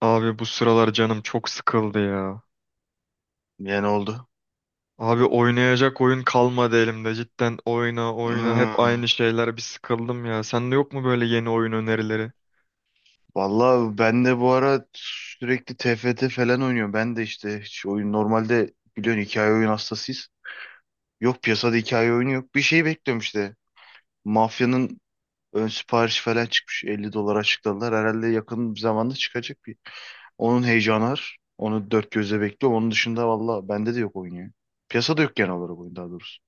Abi bu sıralar canım çok sıkıldı ya. Yani oldu. Abi oynayacak oyun kalmadı elimde. Cidden oyna oyna hep Hmm. aynı şeyler bir sıkıldım ya. Sende yok mu böyle yeni oyun önerileri? Vallahi ben de bu ara sürekli TFT falan oynuyorum. Ben de işte hiç oyun normalde biliyorsun hikaye oyun hastasıyız. Yok piyasada hikaye oyunu yok. Bir şey bekliyorum işte. Mafyanın ön siparişi falan çıkmış. 50 dolar açıkladılar. Herhalde yakın bir zamanda çıkacak bir. Onun heyecanı var. Onu dört gözle bekliyorum. Onun dışında valla bende de yok oyun ya. Piyasada yok genel olarak oyun daha doğrusu.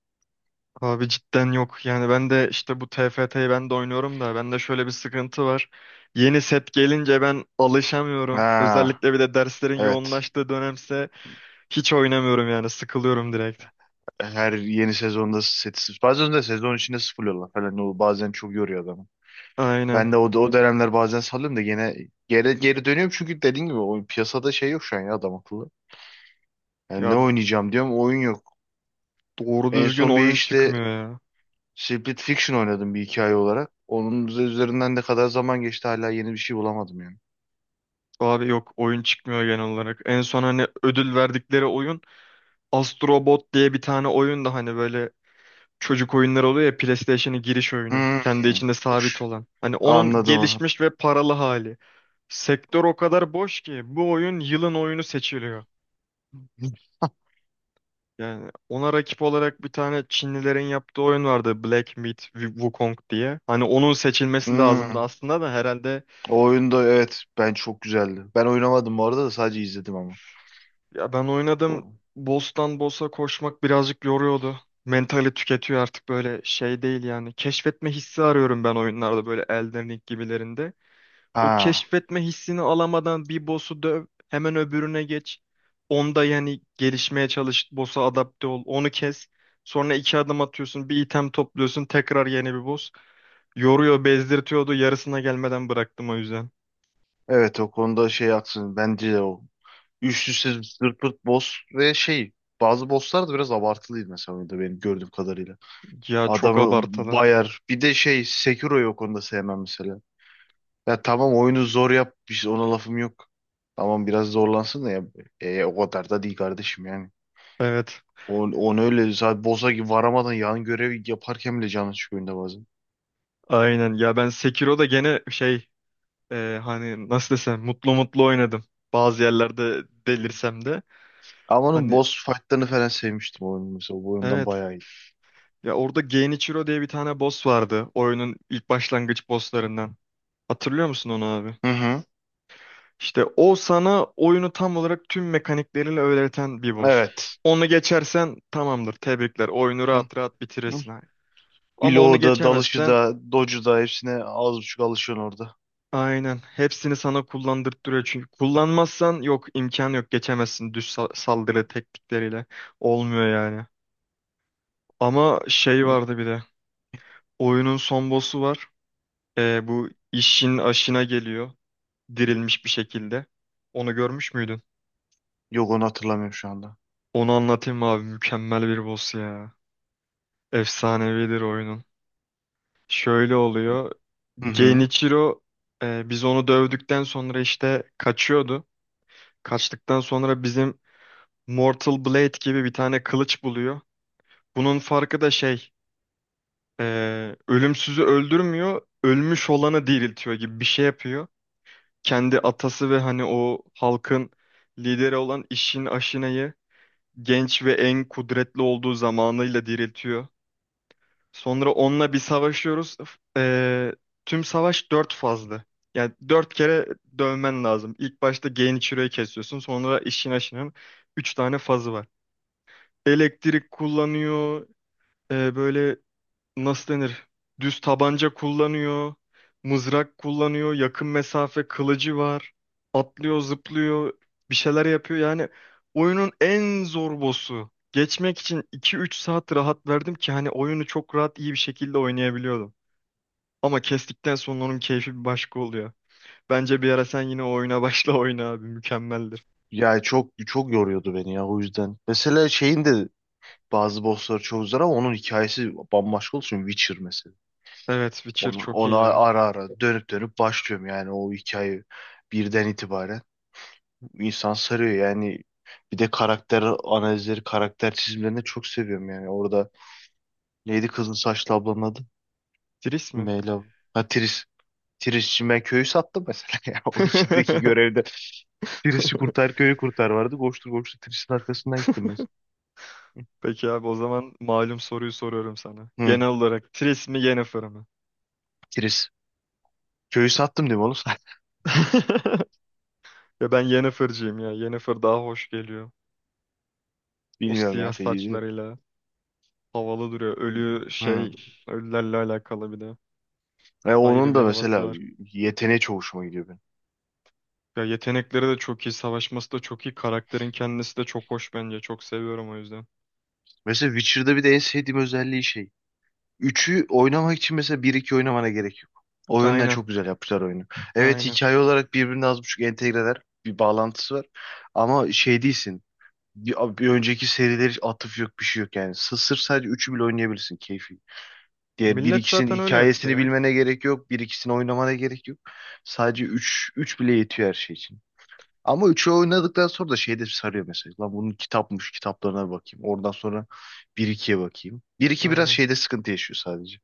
Abi cidden yok. Yani ben de işte bu TFT'yi ben de oynuyorum da bende şöyle bir sıkıntı var. Yeni set gelince ben alışamıyorum. Ha, Özellikle bir de derslerin evet. yoğunlaştığı dönemse hiç oynamıyorum yani sıkılıyorum direkt. Her yeni sezonda seti bazen de sezon içinde sıfırlıyorlar falan o bazen çok yoruyor adamı. Aynen. Ben de o dönemler bazen salıyorum da gene geri dönüyorum çünkü dediğin gibi o piyasada şey yok şu an ya adam akıllı. Yani Ya ne oynayacağım diyorum oyun yok. doğru En düzgün son bir oyun işte çıkmıyor ya. Split Fiction oynadım bir hikaye olarak. Onun üzerinden ne kadar zaman geçti hala yeni bir şey bulamadım yani. Abi yok oyun çıkmıyor genel olarak. En son hani ödül verdikleri oyun Astrobot diye bir tane oyun da hani böyle çocuk oyunları oluyor ya, PlayStation'ın giriş oyunu. Kendi Hmm, içinde sabit push. olan. Hani onun Anladım. gelişmiş ve paralı hali. Sektör o kadar boş ki bu oyun yılın oyunu seçiliyor. Yani ona rakip olarak bir tane Çinlilerin yaptığı oyun vardı, Black Myth Wukong diye. Hani onun seçilmesi lazımdı Hmm, aslında da herhalde. o oyunda evet ben çok güzeldi. Ben oynamadım bu arada da sadece izledim ama. Ya ben oynadım. O- Boss'tan boss'a koşmak birazcık yoruyordu. Mentali tüketiyor artık, böyle şey değil yani. Keşfetme hissi arıyorum ben oyunlarda, böyle Elden Ring gibilerinde. O Ha. keşfetme hissini alamadan bir boss'u döv, hemen öbürüne geç. Onda yani gelişmeye çalış, boss'a adapte ol, onu kes. Sonra iki adım atıyorsun, bir item topluyorsun, tekrar yeni bir boss. Yoruyor, bezdirtiyordu. Yarısına gelmeden bıraktım o yüzden. Evet o konuda şey haksın. Bence de o. Üst üste zırt pırt boss ve şey bazı bosslar da biraz abartılıydı mesela oyunda benim gördüğüm kadarıyla. Ya çok Adamı abartılı. bayar. Bir de şey Sekiro'yu o konuda sevmem mesela. Ya tamam oyunu zor yap. Biz ona lafım yok. Tamam biraz zorlansın da ya. O kadar da değil kardeşim yani. Evet. On öyle zaten boss'a gibi varamadan yan görev yaparken bile canı çıkıyor oyunda bazen. Aynen. Ya ben Sekiro'da gene şey, hani nasıl desem mutlu mutlu oynadım. Bazı yerlerde delirsem de. Ama onun Hani boss fight'larını falan sevmiştim oyunu mesela. Bu oyundan evet. bayağı iyi. Ya orada Genichiro diye bir tane boss vardı. Oyunun ilk başlangıç bosslarından. Hatırlıyor musun onu abi? Hı hı. İşte o sana oyunu tam olarak tüm mekanikleriyle öğreten bir boss. Evet. Onu geçersen tamamdır. Tebrikler. Oyunu rahat rahat Hı. bitirirsin abi. Ama onu Bloğu da, dalışı geçemezsen da, dodge'u da hepsine az buçuk alışıyorsun orada. aynen hepsini sana kullandırtıyor. Çünkü kullanmazsan yok, imkan yok, geçemezsin düz saldırı teknikleriyle. Olmuyor yani. Ama şey Hı. vardı bir de. Oyunun son boss'u var. Bu işin aşına geliyor. Dirilmiş bir şekilde. Onu görmüş müydün? Yok onu hatırlamıyorum şu anda. Onu anlatayım mı abi. Mükemmel bir boss ya. Efsanevidir oyunun. Şöyle oluyor. Hı hı. Genichiro biz onu dövdükten sonra işte kaçıyordu. Kaçtıktan sonra bizim Mortal Blade gibi bir tane kılıç buluyor. Bunun farkı da şey. Ölümsüzü öldürmüyor. Ölmüş olanı diriltiyor gibi bir şey yapıyor. Kendi atası ve hani o halkın lideri olan İşin Aşine'yi genç ve en kudretli olduğu zamanıyla diriltiyor. Sonra onunla bir savaşıyoruz. Tüm savaş dört fazlı. Yani dört kere dövmen lazım. İlk başta Genichiro'yu kesiyorsun. Sonra İşin Aşine'nin üç tane fazı var. Elektrik kullanıyor. Böyle nasıl denir? Düz tabanca kullanıyor, mızrak kullanıyor, yakın mesafe kılıcı var. Atlıyor, zıplıyor, bir şeyler yapıyor. Yani oyunun en zor boss'u. Geçmek için iki üç saat rahat verdim ki hani oyunu çok rahat iyi bir şekilde oynayabiliyordum. Ama kestikten sonra onun keyfi bir başka oluyor. Bence bir ara sen yine o oyuna başla, oyna abi, mükemmeldir. Ya çok çok yoruyordu beni ya o yüzden. Mesela şeyin de bazı bossları çok zor ama onun hikayesi bambaşka olsun. Witcher mesela. Evet, Witcher Onu, çok onu iyi ya. ara ara dönüp dönüp başlıyorum yani o hikaye birden itibaren. İnsan sarıyor yani. Bir de karakter analizleri, karakter çizimlerini çok seviyorum yani. Orada neydi kızın saçlı ablanın adı? Triss mi? Meyla. Ha, Triss. Tirisçi ben köyü sattım mesela ya. O içindeki görevde Tiris'i kurtar köyü kurtar vardı. Koştur koştur Tiris'in arkasından gittim mesela. Peki abi, o zaman malum soruyu soruyorum sana. Hı. Genel olarak Tris mi Yennefer mı? Tiris. Köyü sattım değil mi oğlum? Ya ben Yennefer'cıyım ya. Yennefer daha hoş geliyor. O Bilmiyorum siyah ya. Feci değil. saçlarıyla havalı duruyor. Ölü Hı. şey, ölülerle alakalı bir de. Ve Ayrı onun bir da havası mesela var. yeteneği çok hoşuma gidiyor benim. Ya yetenekleri de çok iyi, savaşması da çok iyi. Karakterin kendisi de çok hoş bence. Çok seviyorum o yüzden. Mesela Witcher'da bir de en sevdiğim özelliği şey. Üçü oynamak için mesela bir iki oynamana gerek yok. O yönden Aynen, çok güzel yapmışlar oyunu. Evet aynen. hikaye olarak birbirine az buçuk entegreler. Bir bağlantısı var. Ama şey değilsin. Bir önceki serileri atıf yok bir şey yok yani. Sırf sadece üçü bile oynayabilirsin keyfi. Diğer bir Millet ikisinin zaten öyle yaptı hikayesini ya. bilmene gerek yok. Bir ikisini oynamana gerek yok. Sadece üç bile yetiyor her şey için. Ama üçü oynadıktan sonra da şey de sarıyor mesela. Lan bunun kitapmış kitaplarına bakayım. Oradan sonra bir ikiye bakayım. Bir iki biraz Aynen. şeyde sıkıntı yaşıyor sadece.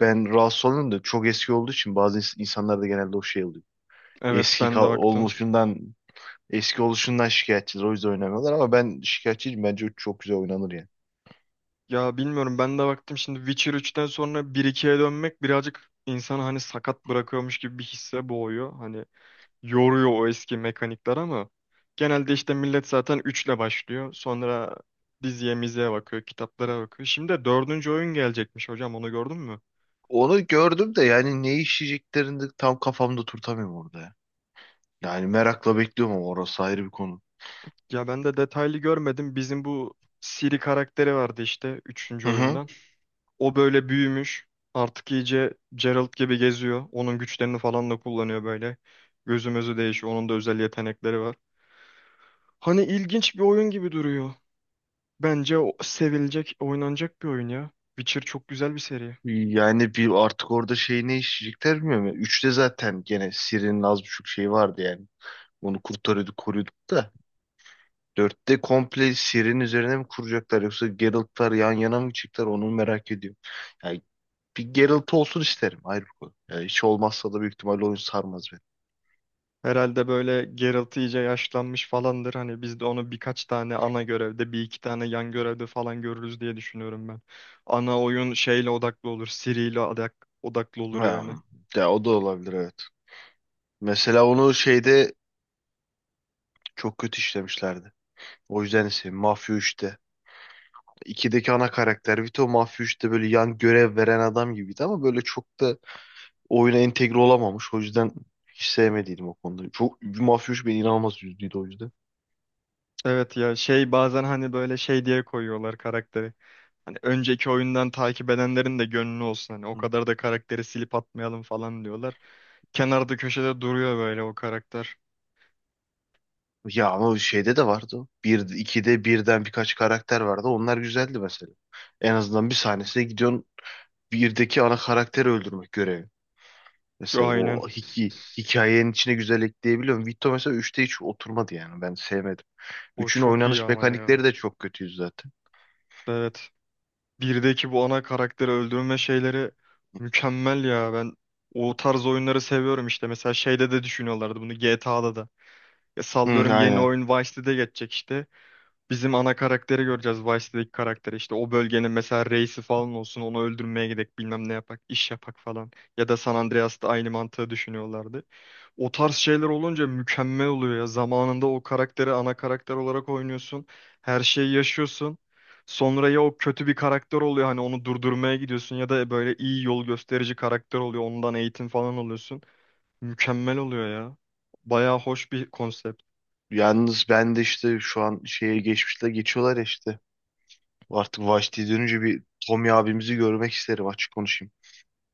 Ben rahatsız oluyorum da çok eski olduğu için bazı insanlarda genelde o şey oluyor. Evet Eski ka- ben de baktım. olmuşundan Eski oluşundan şikayetçiler. O yüzden oynamıyorlar ama ben şikayetçiyim. Bence o çok güzel oynanır yani. Ya bilmiyorum, ben de baktım şimdi, Witcher üçten sonra bir ikiye dönmek birazcık insanı hani sakat bırakıyormuş gibi bir hisse boğuyor. Hani yoruyor o eski mekanikler ama genelde işte millet zaten üçle başlıyor. Sonra diziye miziye bakıyor, kitaplara bakıyor. Şimdi de 4. oyun gelecekmiş hocam, onu gördün mü? Onu gördüm de yani ne işleyeceklerini de tam kafamda turtamıyorum orada ya. Yani merakla bekliyorum ama orası ayrı bir konu. Ya ben de detaylı görmedim. Bizim bu Siri karakteri vardı işte üçüncü Hı hı. oyundan. O böyle büyümüş. Artık iyice Geralt gibi geziyor. Onun güçlerini falan da kullanıyor böyle. Gözümüzü değişiyor. Onun da özel yetenekleri var. Hani ilginç bir oyun gibi duruyor. Bence o sevilecek, oynanacak bir oyun ya. Witcher çok güzel bir seri. Yani bir artık orada şey ne işleyecekler bilmiyorum ya. Üçte zaten gene Siri'nin az buçuk şeyi vardı yani. Onu kurtarıyorduk, koruyorduk da. Dörtte komple Ciri'nin üzerine mi kuracaklar yoksa Geralt'lar yan yana mı çıktılar onu merak ediyorum. Yani bir Geralt olsun isterim ayrı bir konu. Yani hiç olmazsa da büyük ihtimalle oyun sarmaz beni. Herhalde böyle Geralt iyice yaşlanmış falandır. Hani biz de onu birkaç tane ana görevde, bir iki tane yan görevde falan görürüz diye düşünüyorum ben. Ana oyun şeyle odaklı olur, Ciri'yle odaklı olur Ya, yani. ya o da olabilir evet. Mesela onu şeyde çok kötü işlemişlerdi. O yüzden ise Mafya 3'te. 2'deki ana karakter Vito Mafya 3'te böyle yan görev veren adam gibiydi ama böyle çok da oyuna entegre olamamış. O yüzden hiç sevmediydim o konuda. Çok Mafya 3 beni inanılmaz üzdüydü o yüzden. Evet ya, şey bazen hani böyle şey diye koyuyorlar karakteri. Hani önceki oyundan takip edenlerin de gönlü olsun. Hani o kadar da karakteri silip atmayalım falan diyorlar. Kenarda köşede duruyor böyle o karakter. Ya ama şeyde de vardı o. Bir ikide birden birkaç karakter vardı. Onlar güzeldi mesela. En azından bir sahnesine gidiyorsun. Birdeki ana karakteri öldürmek görevi. Mesela Aynen. o hikayenin içine güzel ekleyebiliyorum. Vito mesela üçte hiç oturmadı yani. Ben sevmedim. O Üçün çok iyi oynanış ama ya. mekanikleri de çok kötüydü zaten. Evet. Birdeki bu ana karakteri öldürme şeyleri mükemmel ya. Ben o tarz oyunları seviyorum işte. Mesela şeyde de düşünüyorlardı bunu, GTA'da da. Ya Hı, sallıyorum, yeni aynen. oyun Vice City'de geçecek işte. Bizim ana karakteri göreceğiz. Vice City'deki karakteri işte o bölgenin mesela reisi falan olsun, onu öldürmeye gidek, bilmem ne yapak, iş yapak falan. Ya da San Andreas'ta aynı mantığı düşünüyorlardı. O tarz şeyler olunca mükemmel oluyor ya. Zamanında o karakteri ana karakter olarak oynuyorsun. Her şeyi yaşıyorsun. Sonra ya o kötü bir karakter oluyor hani onu durdurmaya gidiyorsun, ya da böyle iyi yol gösterici karakter oluyor. Ondan eğitim falan alıyorsun. Mükemmel oluyor ya. Bayağı hoş bir konsept. Yalnız ben de işte şu an şeye geçmişle geçiyorlar ya işte. Artık Vashti'ye dönünce bir Tommy abimizi görmek isterim açık konuşayım.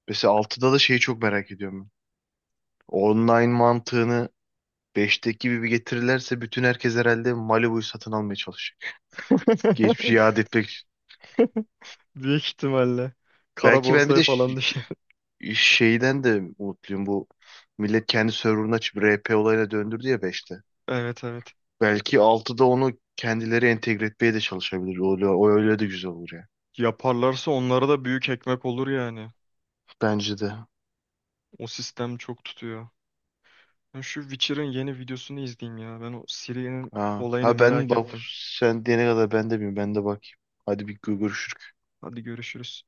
Mesela altıda da şeyi çok merak ediyorum ben. Online mantığını Beşteki gibi bir getirirlerse bütün herkes herhalde Malibu'yu satın almaya çalışacak. Geçmişi yad etmek. Büyük ihtimalle. Kara Belki ben bir borsaya de falan düşer. şeyden de umutluyum. Bu millet kendi serverını açıp RP olayına döndürdü ya beşte. Evet, evet. Belki altıda onu kendileri entegre etmeye de çalışabilir. O öyle de güzel olur ya. Yaparlarsa onlara da büyük ekmek olur yani. Bence de. O sistem çok tutuyor. Ben şu Witcher'ın yeni videosunu izleyeyim ya. Ben o Ciri'nin Ha, olayını ha ben merak bak ettim. sen diyene kadar ben de bilmiyorum. Ben de bakayım. Hadi bir görüşürüz. Hadi görüşürüz.